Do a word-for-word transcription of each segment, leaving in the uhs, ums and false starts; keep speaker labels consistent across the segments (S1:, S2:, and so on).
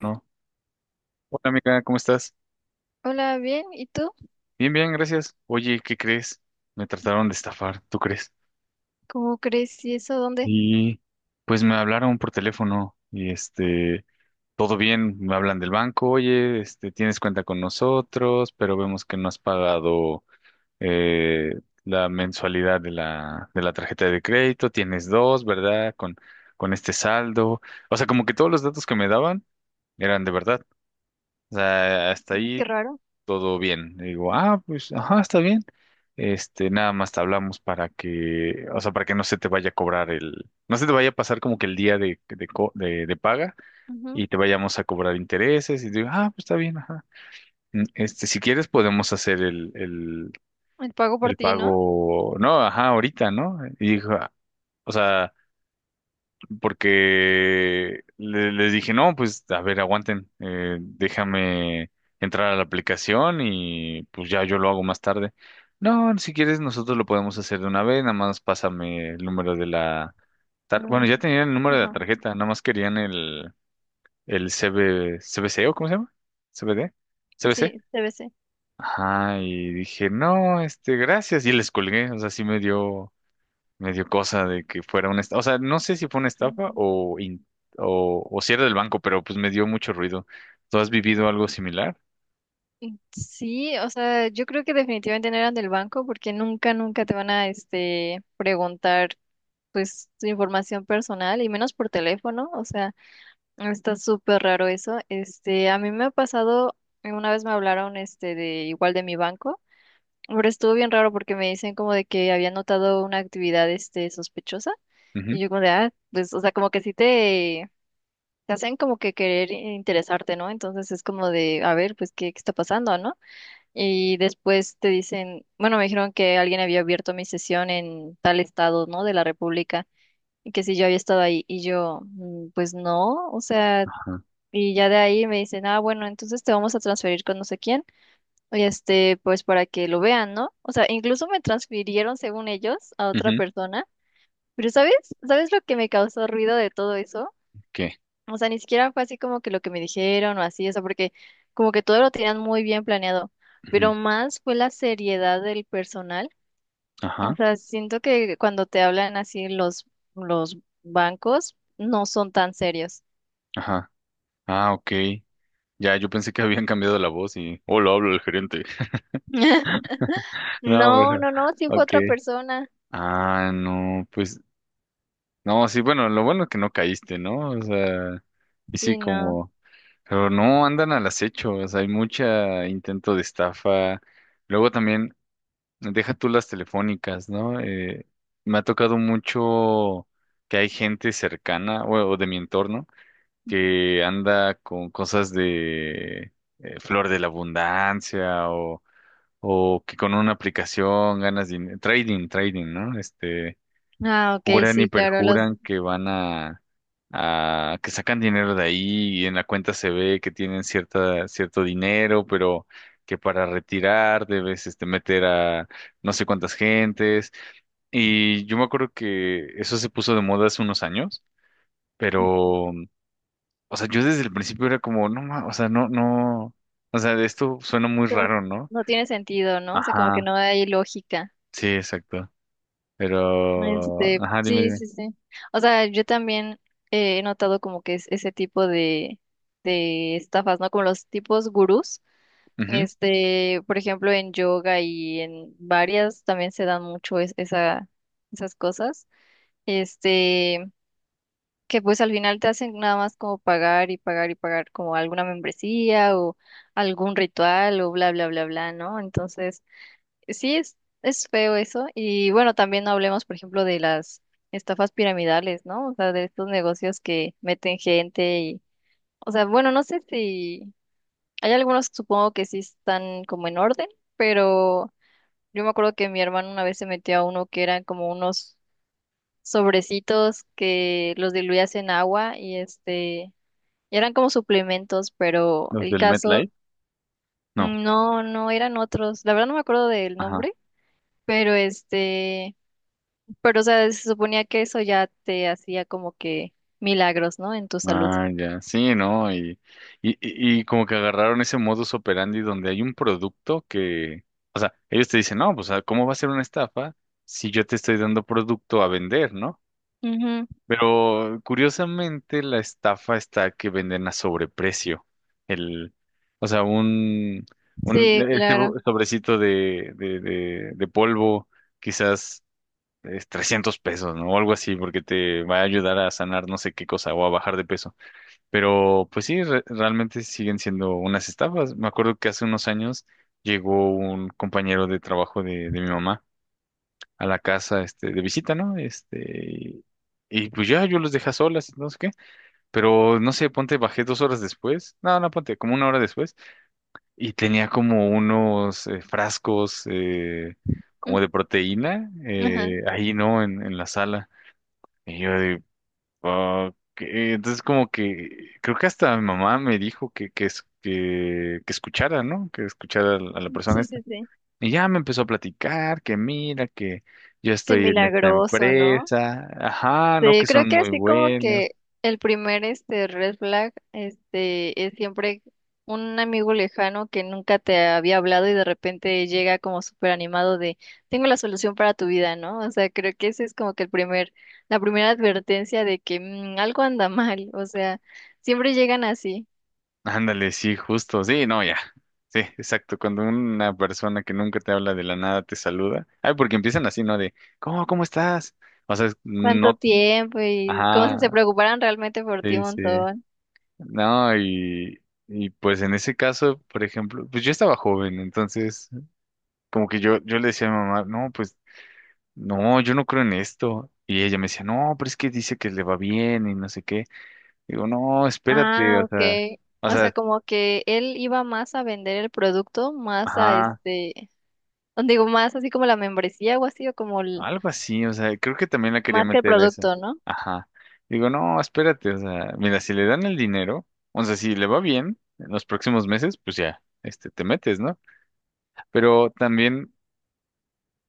S1: No. Hola amiga, ¿cómo estás?
S2: Hola, bien. ¿Y tú?
S1: Bien, bien, gracias. Oye, ¿qué crees? Me trataron de estafar, ¿tú crees?
S2: ¿Cómo crees? ¿Y eso dónde?
S1: Y pues me hablaron por teléfono y este, todo bien, me hablan del banco, oye, este, tienes cuenta con nosotros, pero vemos que no has pagado eh, la mensualidad de la, de la tarjeta de crédito, tienes dos, ¿verdad? Con, con este saldo. O sea, como que todos los datos que me daban eran de verdad. O sea, hasta
S2: Ah, qué
S1: ahí
S2: raro.
S1: todo bien. Le digo, ah, pues, ajá, está bien. Este, nada más te hablamos para que, o sea, para que no se te vaya a cobrar el, no se te vaya a pasar como que el día de, de, co- de, de paga
S2: Ujú.
S1: y te vayamos a cobrar intereses. Y digo, ah, pues está bien, ajá. Mm, Este, si quieres podemos hacer el, el,
S2: El pago por
S1: el
S2: ti, ¿no?
S1: pago, no, ajá, ahorita, ¿no? Y dijo, ah, o sea, porque le- les dije, no, pues a ver, aguanten, eh, déjame entrar a la aplicación y pues ya yo lo hago más tarde. No, si quieres nosotros lo podemos hacer de una vez, nada más pásame el número de la... tar- Bueno,
S2: Mm,
S1: ya tenían el número de la
S2: ujú.
S1: tarjeta, nada más querían el, el C B, CBC o ¿cómo se llama? CBD, C B C.
S2: Sí, T B C.
S1: Ajá, y dije, no, este, gracias, y les colgué, o sea, sí me dio me dio cosa de que fuera una estafa. O sea, no sé si fue una
S2: Mm,
S1: estafa
S2: mm,
S1: o, in- o, o si era del banco, pero pues me dio mucho ruido. ¿Tú has vivido algo similar?
S2: y sí, o sea, yo creo que definitivamente no eran del banco porque nunca, nunca te van a, este, preguntar, pues, tu información personal y menos por teléfono. O sea, está súper raro eso. Este, a mí me ha pasado, eh, una vez me hablaron, este, de igual de mi banco. Pero estuvo bien raro porque me dicen como de que había notado una actividad este sospechosa
S1: Ujú.
S2: y yo como de, ah, pues, o sea, como que sí te, te hacen como que querer interesarte, ¿no? Entonces es como de, a ver, pues, ¿qué, qué está pasando, no? Y después te dicen, bueno, me dijeron que alguien había abierto mi sesión en tal estado, ¿no? De la República y que si yo había estado ahí y yo, "Mm, pues no, o sea,
S1: Ajá.
S2: y ya de ahí me dicen, ah, bueno, entonces te vamos a transferir con no sé quién, este, pues para que lo vean, ¿no? O sea, incluso me transfirieron, según ellos, a otra
S1: Ujú.
S2: persona. Pero ¿sabes? ¿Sabes lo que me causó ruido de todo eso?
S1: ¿Qué?
S2: O sea, ni siquiera fue así como que lo que me dijeron o así, o sea, porque como que todo lo tenían muy bien planeado.
S1: Ujú.
S2: Pero más fue la seriedad del personal. O
S1: Ajá,
S2: sea, siento que cuando te hablan así los, los bancos, no son tan serios.
S1: ajá. Ah, ok. Ya, yo pensé que habían cambiado la voz y... Hola, hablo el gerente. No,
S2: No,
S1: pero...
S2: no, no, sí fue
S1: Ok.
S2: otra persona.
S1: Ah, no, pues... No, sí, bueno, lo bueno es que no caíste, ¿no? O sea, y sí,
S2: Sí, no.
S1: como... Pero no, andan al acecho, o sea, hay mucha intento de estafa. Luego también... Deja tú las telefónicas, ¿no? Eh, me ha tocado mucho que hay gente cercana o, o de mi entorno que anda con cosas de eh, flor de la abundancia o, o que con una aplicación ganas dinero, trading, trading, ¿no? Este,
S2: Ah, ok,
S1: juran y
S2: sí, claro, los,
S1: perjuran que van a, a que sacan dinero de ahí y en la cuenta se ve que tienen cierta, cierto dinero, pero que para retirar debes este, meter a no sé cuántas gentes. Y yo me acuerdo que eso se puso de moda hace unos años, pero, o sea, yo desde el principio era como, no, ma- o sea, no, no, o sea, esto suena muy
S2: no,
S1: raro, ¿no?
S2: no tiene sentido, ¿no? O sea, como que
S1: Ajá,
S2: no hay lógica.
S1: sí, exacto. Pero,
S2: Este,
S1: ajá, dime,
S2: sí,
S1: dime.
S2: sí, sí. O sea, yo también, eh, he notado como que es ese tipo de, de estafas, ¿no? Como los tipos gurús.
S1: Ujú.
S2: Este, por ejemplo, en yoga y en varias también se dan mucho es- esa, esas cosas. Este, que pues al final te hacen nada más como pagar y pagar y pagar como alguna membresía o algún ritual o bla, bla, bla, bla, ¿no? Entonces... Sí, es, es feo eso. Y bueno, también no hablemos, por ejemplo, de las estafas piramidales, ¿no? O sea, de estos negocios que meten gente y, o sea, bueno, no sé si hay algunos que supongo que sí están como en orden, pero yo me acuerdo que mi hermano una vez se metió a uno que eran como unos sobrecitos que los diluías en agua y este, y eran como suplementos, pero
S1: Los
S2: el
S1: del
S2: caso,
S1: MetLife, no,
S2: mm, no, no eran otros. La verdad no me acuerdo del
S1: ajá.
S2: nombre, pero este... Pero, o sea, se suponía que eso ya te hacía como que milagros, ¿no? En tu salud.
S1: Ah, ya, sí, ¿no? Y, y, y y como que agarraron ese modus operandi donde hay un producto que, o sea, ellos te dicen, no, pues, ah, ¿cómo va a ser una estafa si yo te estoy dando producto a vender, ¿no?
S2: Ujú.
S1: Pero curiosamente la estafa está que venden a sobreprecio. El, o sea, un, un
S2: Sí,
S1: e-, ese bo-
S2: claro.
S1: sobrecito de, de, de, de polvo, quizás es trescientos pesos, ¿no? O algo así, porque te va a ayudar a sanar no sé qué cosa o a bajar de peso pero pues sí, re- realmente siguen siendo unas estafas. Me acuerdo que hace unos años llegó un compañero de trabajo de, de mi mamá a la casa, este, de visita, ¿no? Este, y, y, pues ya yo los dejé a solas, no sé qué. Pero no sé, ponte, bajé dos horas después. No, no, ponte, como una hora después. Y tenía como unos eh, frascos eh,
S2: Mm.
S1: como de proteína
S2: Ajá.
S1: eh, ahí, ¿no? En, en la sala. Y yo, ok, entonces como que creo que hasta mi mamá me dijo que, que, es- que, que escuchara, ¿no? Que escuchara a la a la persona
S2: Sí,
S1: esta.
S2: sí, sí.
S1: Y ya me empezó a platicar que mira, que yo
S2: Qué
S1: estoy en esta
S2: milagroso, ¿no?
S1: empresa, ajá, no, que
S2: Sí, creo
S1: son
S2: que
S1: muy
S2: así como
S1: buenos.
S2: que el primer este red flag este es siempre un amigo lejano que nunca te había hablado y de repente llega como súper animado de tengo la solución para tu vida, ¿no? O sea, creo que ese es como que el primer, la primera advertencia de que mm, algo anda mal, o sea, siempre llegan así.
S1: Ándale, sí, justo, sí, no, ya. Sí, exacto, cuando una persona que nunca te habla de la nada te saluda. Ay, porque empiezan así, ¿no? De, ¿cómo, ¿cómo estás? O sea, es-
S2: ¿Cuánto
S1: no,
S2: tiempo? Y como si se
S1: ajá,
S2: preocuparan realmente por ti
S1: sí,
S2: un
S1: sí.
S2: montón.
S1: No, y, y pues en ese caso, por ejemplo, pues yo estaba joven, entonces como que yo, yo le decía a mi mamá, no, pues no, yo no creo en esto. Y ella me decía, no, pero es que dice que le va bien y no sé qué. Digo, no, espérate,
S2: Ah,
S1: o
S2: ok.
S1: sea, o
S2: O sea,
S1: sea,
S2: como que él iba más a vender el producto, más a
S1: ajá,
S2: este, o digo, más así como la membresía o así, o como el-
S1: algo así, o sea, creo que también la quería
S2: más que el
S1: meter a eso.
S2: producto, ¿no?
S1: Ajá. Digo, no, espérate, o sea, mira, si le dan el dinero, o sea, si le va bien en los próximos meses, pues ya, este, te metes, ¿no? Pero también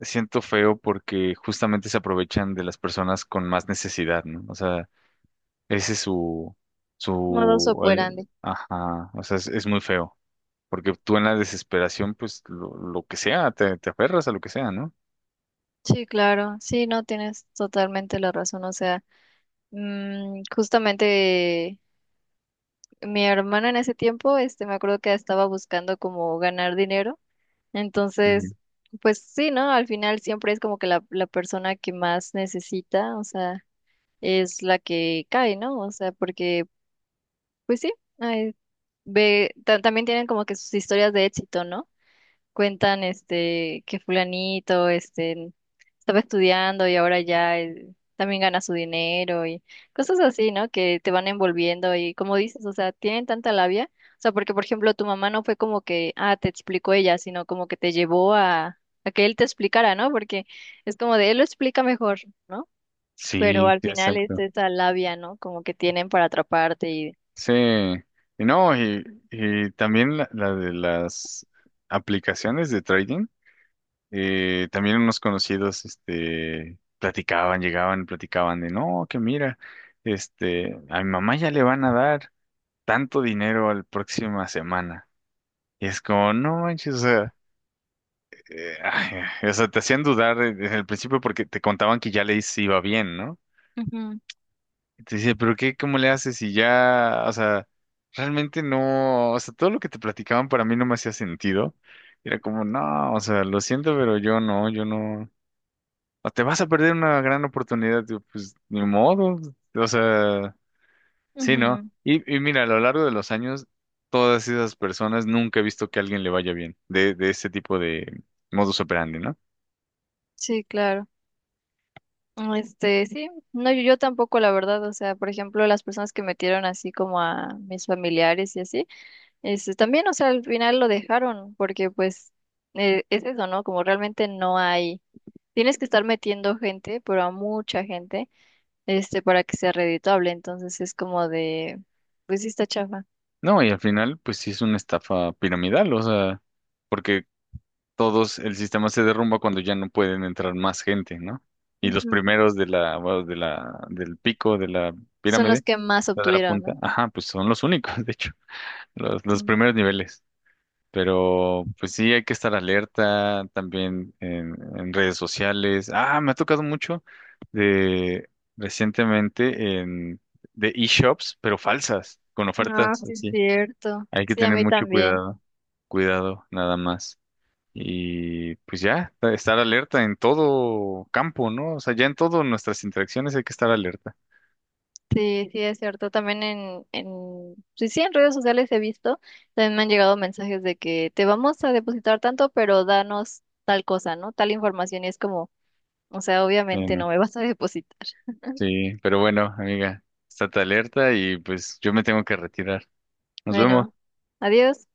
S1: siento feo porque justamente se aprovechan de las personas con más necesidad, ¿no? O sea, ese es su,
S2: Modus
S1: su, el-
S2: operandi.
S1: ajá, o sea, es, es muy feo, porque tú en la desesperación, pues, lo, lo que sea, te, te aferras a lo que sea, ¿no?
S2: Sí, claro, sí, no, tienes totalmente la razón. O sea, mm, justamente mi hermana en ese tiempo, este, me acuerdo que estaba buscando como ganar dinero.
S1: Ujú.
S2: Entonces, pues sí, ¿no? Al final siempre es como que la, la persona que más necesita, o sea, es la que cae, ¿no? O sea, porque, pues sí, ay, ve, ta- también tienen como que sus historias de éxito, ¿no? Cuentan este que fulanito este estaba estudiando y ahora ya, eh, también gana su dinero y cosas así, ¿no? Que te van envolviendo y como dices, o sea, tienen tanta labia, o sea, porque por ejemplo tu mamá no fue como que, ah, te explicó ella, sino como que te llevó a, a que él te explicara, ¿no? Porque es como de él lo explica mejor, ¿no? Pero
S1: Sí,
S2: al
S1: sí,
S2: final es
S1: exacto.
S2: esa labia, ¿no? Como que tienen para atraparte y...
S1: Sí, y no, y, y también la, la de las aplicaciones de trading, eh, también unos conocidos, este, platicaban, llegaban, platicaban de, no, que mira, este, a mi mamá ya le van a dar tanto dinero la próxima semana. Y es como, no manches, o sea, eh, ay, o sea, te hacían dudar de- desde el principio porque te contaban que ya le hice- iba bien, ¿no?
S2: Ujú,
S1: Y te decía, pero qué, ¿cómo le haces? Y ya, o sea, realmente no, o sea, todo lo que te platicaban para mí no me hacía sentido. Era como, no, o sea, lo siento, pero yo no, yo no. O te vas a perder una gran oportunidad, digo, pues ni modo. O sea, sí, ¿no?
S2: ujú.
S1: Y, y mira, a lo largo de los años, todas esas personas nunca he visto que a alguien le vaya bien de, de ese tipo de modus operandi, ¿no?
S2: Sí, claro. Este, sí, no, yo, yo tampoco, la verdad, o sea, por ejemplo, las personas que metieron así como a mis familiares y así, este, también, o sea, al final lo dejaron, porque pues, eh, es eso, ¿no? Como realmente no hay, tienes que estar metiendo gente, pero a mucha gente, este, para que sea redituable, entonces es como de, pues sí está chafa.
S1: No, y al final, pues sí es una estafa piramidal, o sea, porque todos, el sistema se derrumba cuando ya no pueden entrar más gente, ¿no? Y los
S2: Ujú.
S1: primeros de la, bueno, de la, del pico de la
S2: Son los
S1: pirámide,
S2: que más
S1: la de la
S2: obtuvieron,
S1: punta,
S2: ¿no?
S1: ajá, pues son los únicos, de hecho, los, los
S2: Mm.
S1: primeros niveles. Pero pues sí, hay que estar alerta también en, en redes sociales. Ah, me ha tocado mucho de recientemente en de e-shops, pero falsas, con
S2: Ah,
S1: ofertas
S2: sí, es
S1: así.
S2: cierto.
S1: Hay que
S2: Sí, a
S1: tener
S2: mí
S1: mucho
S2: también.
S1: cuidado, cuidado nada más. Y pues ya, estar alerta en todo campo, ¿no? O sea, ya en todas nuestras interacciones hay que estar alerta.
S2: Sí, sí, es cierto. También en, en, sí, sí, en redes sociales he visto, también me han llegado mensajes de que te vamos a depositar tanto, pero danos tal cosa, ¿no? Tal información y es como, o sea, obviamente
S1: Bueno,
S2: no me vas a depositar.
S1: sí, pero bueno, amiga, estate alerta y pues yo me tengo que retirar. Nos vemos.
S2: Bueno, adiós.